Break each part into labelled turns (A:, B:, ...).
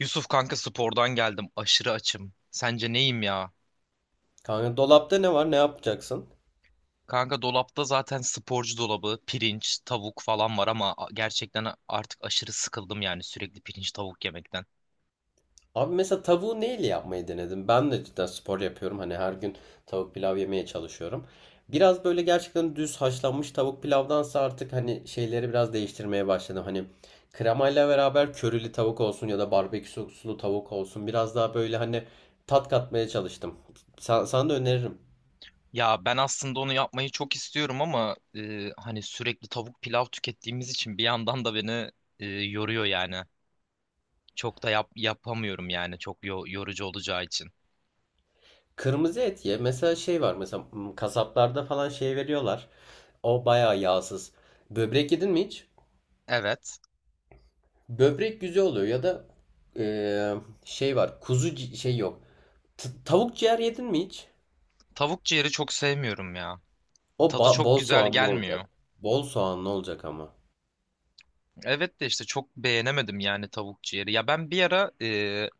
A: Yusuf kanka spordan geldim. Aşırı açım. Sence neyim ya?
B: Kanka dolapta ne var? Ne yapacaksın?
A: Kanka dolapta zaten sporcu dolabı, pirinç, tavuk falan var ama gerçekten artık aşırı sıkıldım yani sürekli pirinç tavuk yemekten.
B: Abi mesela tavuğu neyle yapmayı denedim? Ben de cidden spor yapıyorum. Hani her gün tavuk pilav yemeye çalışıyorum. Biraz böyle gerçekten düz haşlanmış tavuk pilavdansa artık hani şeyleri biraz değiştirmeye başladım. Hani kremayla beraber körili tavuk olsun ya da barbekü soslu tavuk olsun. Biraz daha böyle hani tat katmaya çalıştım. Sana da öneririm.
A: Ya ben aslında onu yapmayı çok istiyorum ama hani sürekli tavuk pilav tükettiğimiz için bir yandan da beni yoruyor yani. Çok da yapamıyorum yani çok yorucu olacağı için.
B: Kırmızı et ye. Mesela şey var. Mesela hmm, kasaplarda falan şey veriyorlar. O bayağı yağsız. Böbrek yedin mi hiç?
A: Evet.
B: Böbrek güzel oluyor ya da eee, şey var. Şey yok. Tavuk ciğer yedin mi hiç?
A: Tavuk ciğeri çok sevmiyorum ya.
B: O
A: Tadı
B: ba-
A: çok
B: bol
A: güzel
B: soğanlı olacak.
A: gelmiyor.
B: Bol soğanlı olacak ama.
A: Evet de işte çok beğenemedim yani tavuk ciğeri. Ya ben bir ara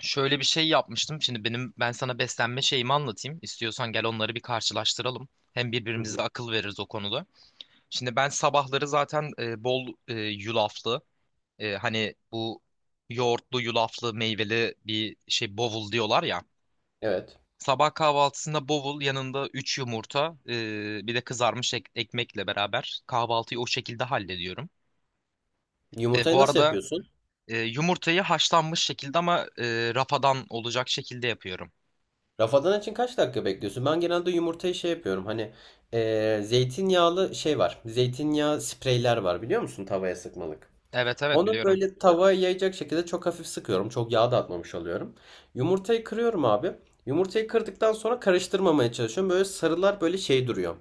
A: şöyle bir şey yapmıştım. Şimdi ben sana beslenme şeyimi anlatayım. İstiyorsan gel onları bir karşılaştıralım. Hem
B: Hı
A: birbirimize
B: hı.
A: akıl veririz o konuda. Şimdi ben sabahları zaten bol yulaflı hani bu yoğurtlu yulaflı meyveli bir şey bovul diyorlar ya.
B: Evet.
A: Sabah kahvaltısında bovul yanında 3 yumurta bir de kızarmış ekmekle beraber kahvaltıyı o şekilde hallediyorum. E,
B: Yumurtayı
A: bu
B: nasıl
A: arada
B: yapıyorsun?
A: Yumurtayı haşlanmış şekilde ama rafadan olacak şekilde yapıyorum.
B: Rafadan için kaç dakika bekliyorsun? Ben genelde yumurtayı şey yapıyorum. Hani zeytinyağlı şey var. Zeytinyağı spreyler var biliyor musun? Tavaya sıkmalık.
A: Evet evet
B: Onu
A: biliyorum.
B: böyle tavaya yayacak şekilde çok hafif sıkıyorum. Çok yağ da atmamış oluyorum. Yumurtayı kırıyorum abi. Yumurtayı kırdıktan sonra karıştırmamaya çalışıyorum. Böyle sarılar böyle şey duruyor.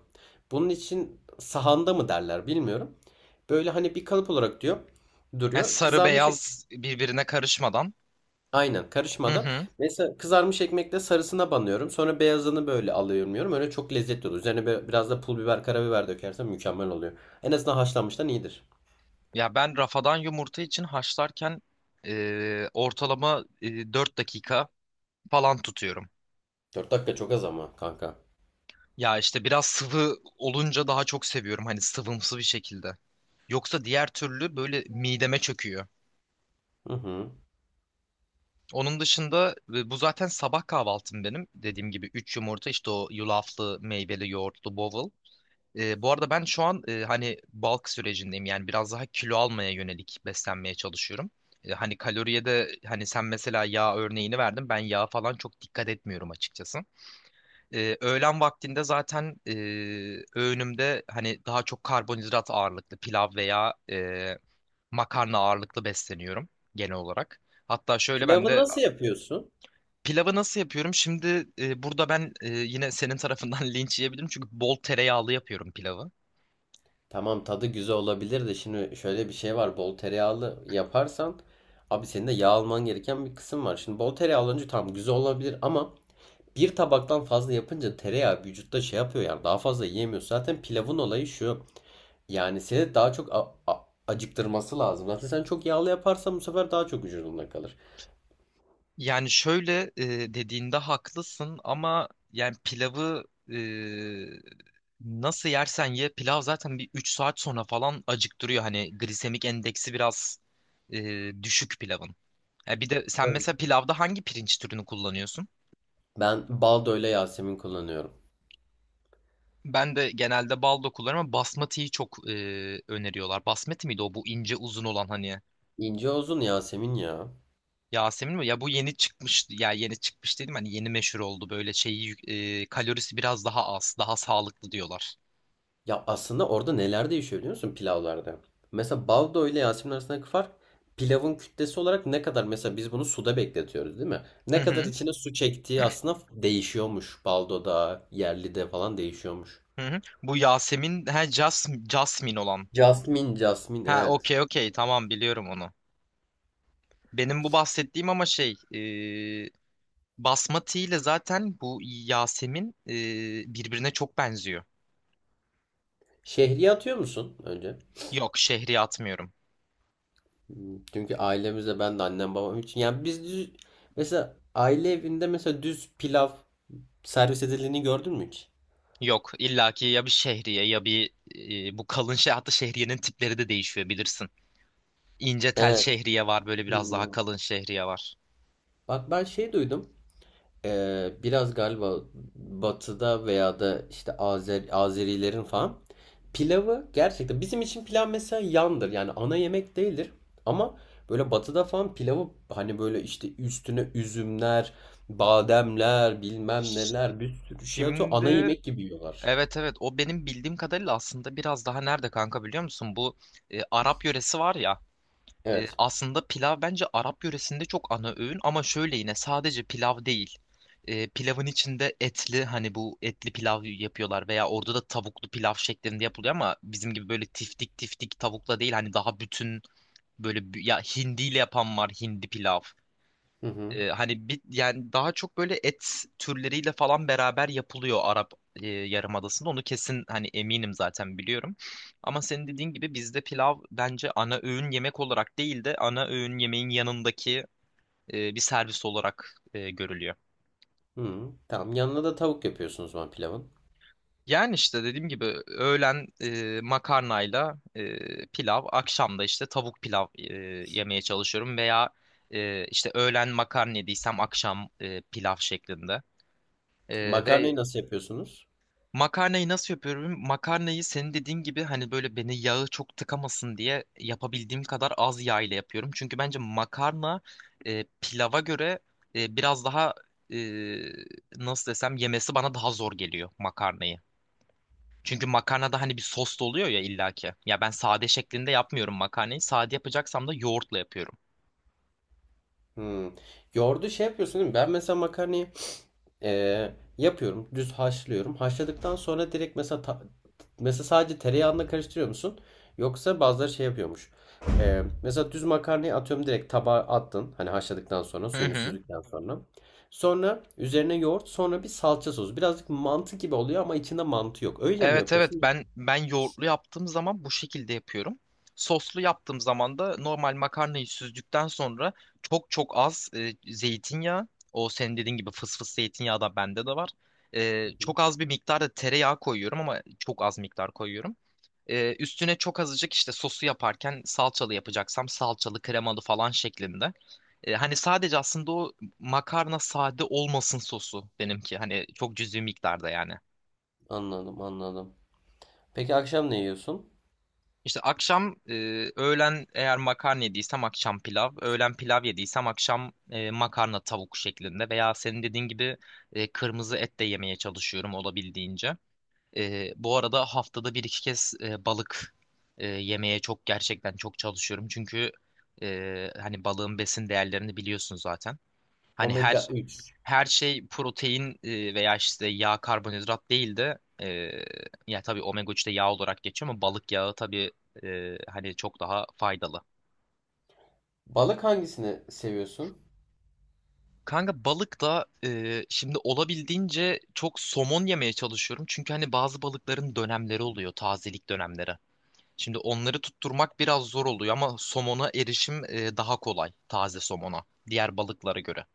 B: Bunun için sahanda mı derler bilmiyorum. Böyle hani bir kalıp olarak diyor
A: Yani
B: duruyor.
A: sarı beyaz birbirine karışmadan.
B: Aynen
A: Hı
B: karışmadan.
A: hı.
B: Mesela kızarmış ekmekle sarısına banıyorum. Sonra beyazını böyle alıyorum, yiyorum. Öyle çok lezzetli oluyor. Üzerine böyle biraz da pul biber, karabiber dökersen mükemmel oluyor. En azından haşlanmıştan iyidir.
A: Ya ben rafadan yumurta için haşlarken ortalama 4 dakika falan tutuyorum.
B: 4 dakika çok az ama kanka.
A: Ya işte biraz sıvı olunca daha çok seviyorum hani sıvımsı bir şekilde. Yoksa diğer türlü böyle mideme çöküyor.
B: Hı hı.
A: Onun dışında bu zaten sabah kahvaltım benim. Dediğim gibi 3 yumurta işte o yulaflı, meyveli, yoğurtlu bowl. Bu arada ben şu an hani bulk sürecindeyim yani biraz daha kilo almaya yönelik beslenmeye çalışıyorum. Hani kaloriye de hani sen mesela yağ örneğini verdin ben yağa falan çok dikkat etmiyorum açıkçası. Öğlen vaktinde zaten öğünümde hani daha çok karbonhidrat ağırlıklı pilav veya makarna ağırlıklı besleniyorum genel olarak. Hatta şöyle ben
B: Pilavı
A: de
B: nasıl yapıyorsun?
A: pilavı nasıl yapıyorum? Şimdi burada ben yine senin tarafından linç yiyebilirim çünkü bol tereyağlı yapıyorum pilavı.
B: Tamam tadı güzel olabilir de şimdi şöyle bir şey var. Bol tereyağlı yaparsan abi senin de yağ alman gereken bir kısım var. Şimdi bol tereyağı alınca tamam güzel olabilir ama bir tabaktan fazla yapınca tereyağı vücutta şey yapıyor, yani daha fazla yiyemiyorsun. Zaten pilavın olayı şu. Yani seni daha çok acıktırması lazım. Zaten sen çok yağlı yaparsan bu sefer daha çok vücudunda kalır.
A: Yani şöyle dediğinde haklısın ama yani pilavı e, nasıl yersen ye pilav zaten bir 3 saat sonra falan acıktırıyor. Hani glisemik endeksi biraz düşük pilavın. Ya bir de sen
B: Evet.
A: mesela pilavda hangi pirinç türünü kullanıyorsun?
B: Ben baldo ile Yasemin kullanıyorum.
A: Ben de genelde baldo kullanıyorum ama basmatiyi çok öneriyorlar. Basmati miydi o bu ince uzun olan hani
B: İnce uzun Yasemin ya.
A: Yasemin mi? Ya bu yeni çıkmış ya yeni çıkmış dedim hani yeni meşhur oldu böyle şeyi kalorisi biraz daha az daha sağlıklı diyorlar.
B: Ya aslında orada neler değişiyor biliyor musun pilavlarda? Mesela baldo ile Yasemin arasındaki fark pilavın kütlesi olarak ne kadar, mesela biz bunu suda bekletiyoruz değil mi?
A: Hı
B: Ne kadar
A: hı
B: içine su çektiği aslında değişiyormuş. Baldo'da, yerlide falan değişiyormuş.
A: hı. Hı. Bu Yasemin ha Jasmine olan.
B: Jasmine, Jasmine,
A: Ha
B: evet.
A: okey okey tamam biliyorum onu. Benim bu bahsettiğim ama şey e, basmati ile zaten bu Yasemin birbirine çok benziyor.
B: Şehriye atıyor musun önce?
A: Yok şehriye atmıyorum.
B: Hmm, çünkü ailemizde ben de annem babam için, yani biz düz, mesela aile evinde mesela düz pilav servis edildiğini gördün mü hiç?
A: Yok illaki ya bir şehriye ya bir bu kalın şey, hatta şehriyenin tipleri de değişiyor bilirsin. İnce tel
B: Evet.
A: şehriye var, böyle biraz daha
B: Hmm.
A: kalın şehriye var.
B: Bak ben şey duydum. Biraz galiba batıda veya da işte Azerilerin falan pilavı gerçekten bizim için pilav mesela yandır, yani ana yemek değildir ama böyle batıda falan pilavı hani böyle işte üstüne üzümler, bademler, bilmem neler bir sürü şey atıyor, ana
A: Şimdi
B: yemek gibi yiyorlar.
A: evet evet o benim bildiğim kadarıyla aslında biraz daha nerede kanka biliyor musun? Bu Arap yöresi var ya,
B: Evet.
A: aslında pilav bence Arap yöresinde çok ana öğün ama şöyle yine sadece pilav değil. Pilavın içinde etli hani bu etli pilav yapıyorlar veya orada da tavuklu pilav şeklinde yapılıyor ama bizim gibi böyle tiftik tiftik tavukla değil, hani daha bütün böyle ya hindiyle yapan var, hindi pilav.
B: Hı hı.
A: Hani bir yani daha çok böyle et türleriyle falan beraber yapılıyor Arap Yarımadası'nda. Onu kesin hani eminim zaten biliyorum. Ama senin dediğin gibi bizde pilav bence ana öğün yemek olarak değil de ana öğün yemeğin yanındaki bir servis olarak görülüyor.
B: Hı hı. Tamam yanına da tavuk yapıyorsunuz o zaman pilavın.
A: Yani işte dediğim gibi öğlen makarnayla pilav, akşamda işte tavuk pilav yemeye çalışıyorum veya işte öğlen makarna yediysem akşam pilav şeklinde. E, ve
B: Makarnayı nasıl yapıyorsunuz?
A: Makarnayı nasıl yapıyorum? Makarnayı senin dediğin gibi hani böyle beni yağı çok tıkamasın diye yapabildiğim kadar az yağ ile yapıyorum. Çünkü bence makarna pilava göre biraz daha e, nasıl desem yemesi bana daha zor geliyor makarnayı. Çünkü makarnada hani bir sos da oluyor ya illaki. Ya ben sade şeklinde yapmıyorum makarnayı. Sade yapacaksam da yoğurtla yapıyorum.
B: Hı. Yoğurdu şey yapıyorsun değil mi? Ben mesela makarnayı ee, yapıyorum. Düz haşlıyorum. Haşladıktan sonra direkt mesela mesela sadece tereyağında karıştırıyor musun? Yoksa bazıları şey yapıyormuş. Mesela düz makarnayı atıyorum direkt tabağa attın. Hani haşladıktan sonra
A: Hı
B: suyunu
A: hı.
B: süzdükten sonra. Sonra üzerine yoğurt, sonra bir salça sosu. Birazcık mantı gibi oluyor ama içinde mantı yok. Öyle mi
A: Evet evet
B: yapıyorsun?
A: ben yoğurtlu yaptığım zaman bu şekilde yapıyorum. Soslu yaptığım zaman da normal makarnayı süzdükten sonra çok çok az zeytinyağı, o senin dediğin gibi fıs fıs zeytinyağı da bende de var.
B: Hı hı.
A: Çok az bir miktarda tereyağı koyuyorum ama çok az miktar koyuyorum. Üstüne çok azıcık işte sosu yaparken salçalı yapacaksam salçalı kremalı falan şeklinde. Hani sadece aslında o makarna sade olmasın sosu benimki. Hani çok cüzi miktarda yani.
B: Anladım, anladım. Peki akşam ne yiyorsun?
A: İşte akşam öğlen eğer makarna yediysem akşam pilav, öğlen pilav yediysem akşam makarna tavuk şeklinde veya senin dediğin gibi kırmızı et de yemeye çalışıyorum olabildiğince. Bu arada haftada bir iki kez balık yemeye çok gerçekten çok çalışıyorum çünkü hani balığın besin değerlerini biliyorsun zaten. Hani
B: Omega
A: her
B: üç
A: her şey protein veya işte yağ karbonhidrat değil de ya tabii omega 3 de yağ olarak geçiyor ama balık yağı tabii hani çok daha faydalı.
B: Balık hangisini seviyorsun?
A: Kanka balık da şimdi olabildiğince çok somon yemeye çalışıyorum. Çünkü hani bazı balıkların dönemleri oluyor, tazelik dönemleri. Şimdi onları tutturmak biraz zor oluyor ama somona erişim daha kolay, taze somona diğer balıklara göre.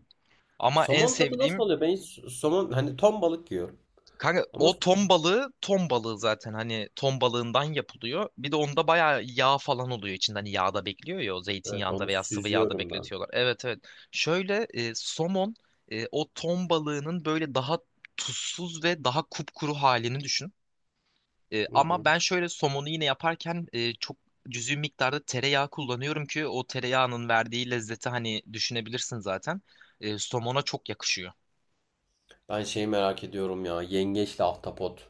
A: Ama en
B: Somon tadı nasıl
A: sevdiğim.
B: oluyor? Ben hiç somon, hani ton balık yiyorum.
A: Kanka
B: Ama
A: o ton balığı zaten hani ton balığından yapılıyor. Bir de onda bayağı yağ falan oluyor içinde hani yağda bekliyor ya, o
B: evet,
A: zeytinyağında
B: onu
A: veya sıvı yağda
B: süzüyorum ben.
A: bekletiyorlar. Evet evet. Şöyle somon o ton balığının böyle daha tuzsuz ve daha kupkuru halini düşün.
B: Hı
A: Ama
B: hı.
A: ben şöyle somonu yine yaparken çok cüzi miktarda tereyağı kullanıyorum ki o tereyağının verdiği lezzeti hani düşünebilirsin zaten. Somona çok yakışıyor.
B: Ben şeyi merak ediyorum ya. Yengeçle ahtapot.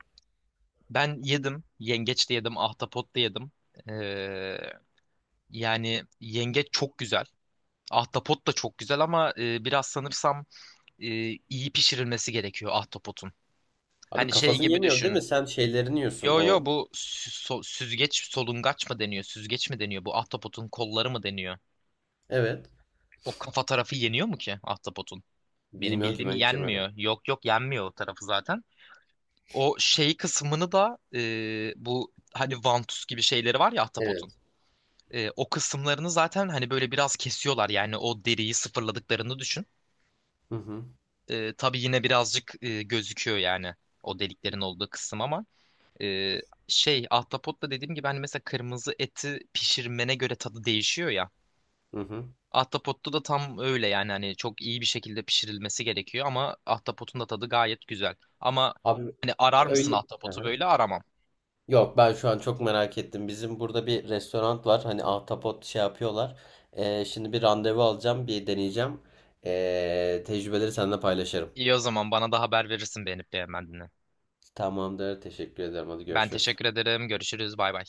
A: Ben yedim. Yengeç de yedim. Ahtapot da yedim. Ee, yani yengeç çok güzel. Ahtapot da çok güzel ama biraz sanırsam e, iyi pişirilmesi gerekiyor ahtapotun.
B: Abi
A: Hani şey
B: kafasını
A: gibi
B: yemiyorsun değil mi?
A: düşün.
B: Sen şeylerini yiyorsun
A: Yo yo,
B: o.
A: bu süzgeç solungaç mı deniyor? Süzgeç mi deniyor? Bu ahtapotun kolları mı deniyor?
B: Evet.
A: O kafa tarafı yeniyor mu ki ahtapotun? Benim
B: Bilmiyorum ki
A: bildiğim
B: ben hiç yemedim.
A: yenmiyor. Yok yok, yenmiyor o tarafı zaten. O şey kısmını da bu hani vantuz gibi şeyleri var ya ahtapotun.
B: Evet.
A: O kısımlarını zaten hani böyle biraz kesiyorlar yani, o deriyi sıfırladıklarını düşün.
B: Hı hı.
A: Tabii yine birazcık gözüküyor yani o deliklerin olduğu kısım ama e, şey, ahtapotla dediğim gibi hani mesela kırmızı eti pişirmene göre tadı değişiyor ya.
B: Hı hı.
A: Ahtapotta da tam öyle yani hani çok iyi bir şekilde pişirilmesi gerekiyor ama ahtapotun da tadı gayet güzel. Ama
B: Abi
A: hani arar mısın
B: öyle. Hı
A: ahtapotu,
B: hı.
A: böyle aramam.
B: Yok ben şu an çok merak ettim. Bizim burada bir restoran var. Hani ahtapot şey yapıyorlar. Şimdi bir randevu alacağım. Bir deneyeceğim. Tecrübeleri seninle paylaşırım.
A: İyi o zaman bana da haber verirsin beğenip beğenmediğini.
B: Tamamdır. Teşekkür ederim. Hadi
A: Ben
B: görüşürüz.
A: teşekkür ederim. Görüşürüz. Bay bay.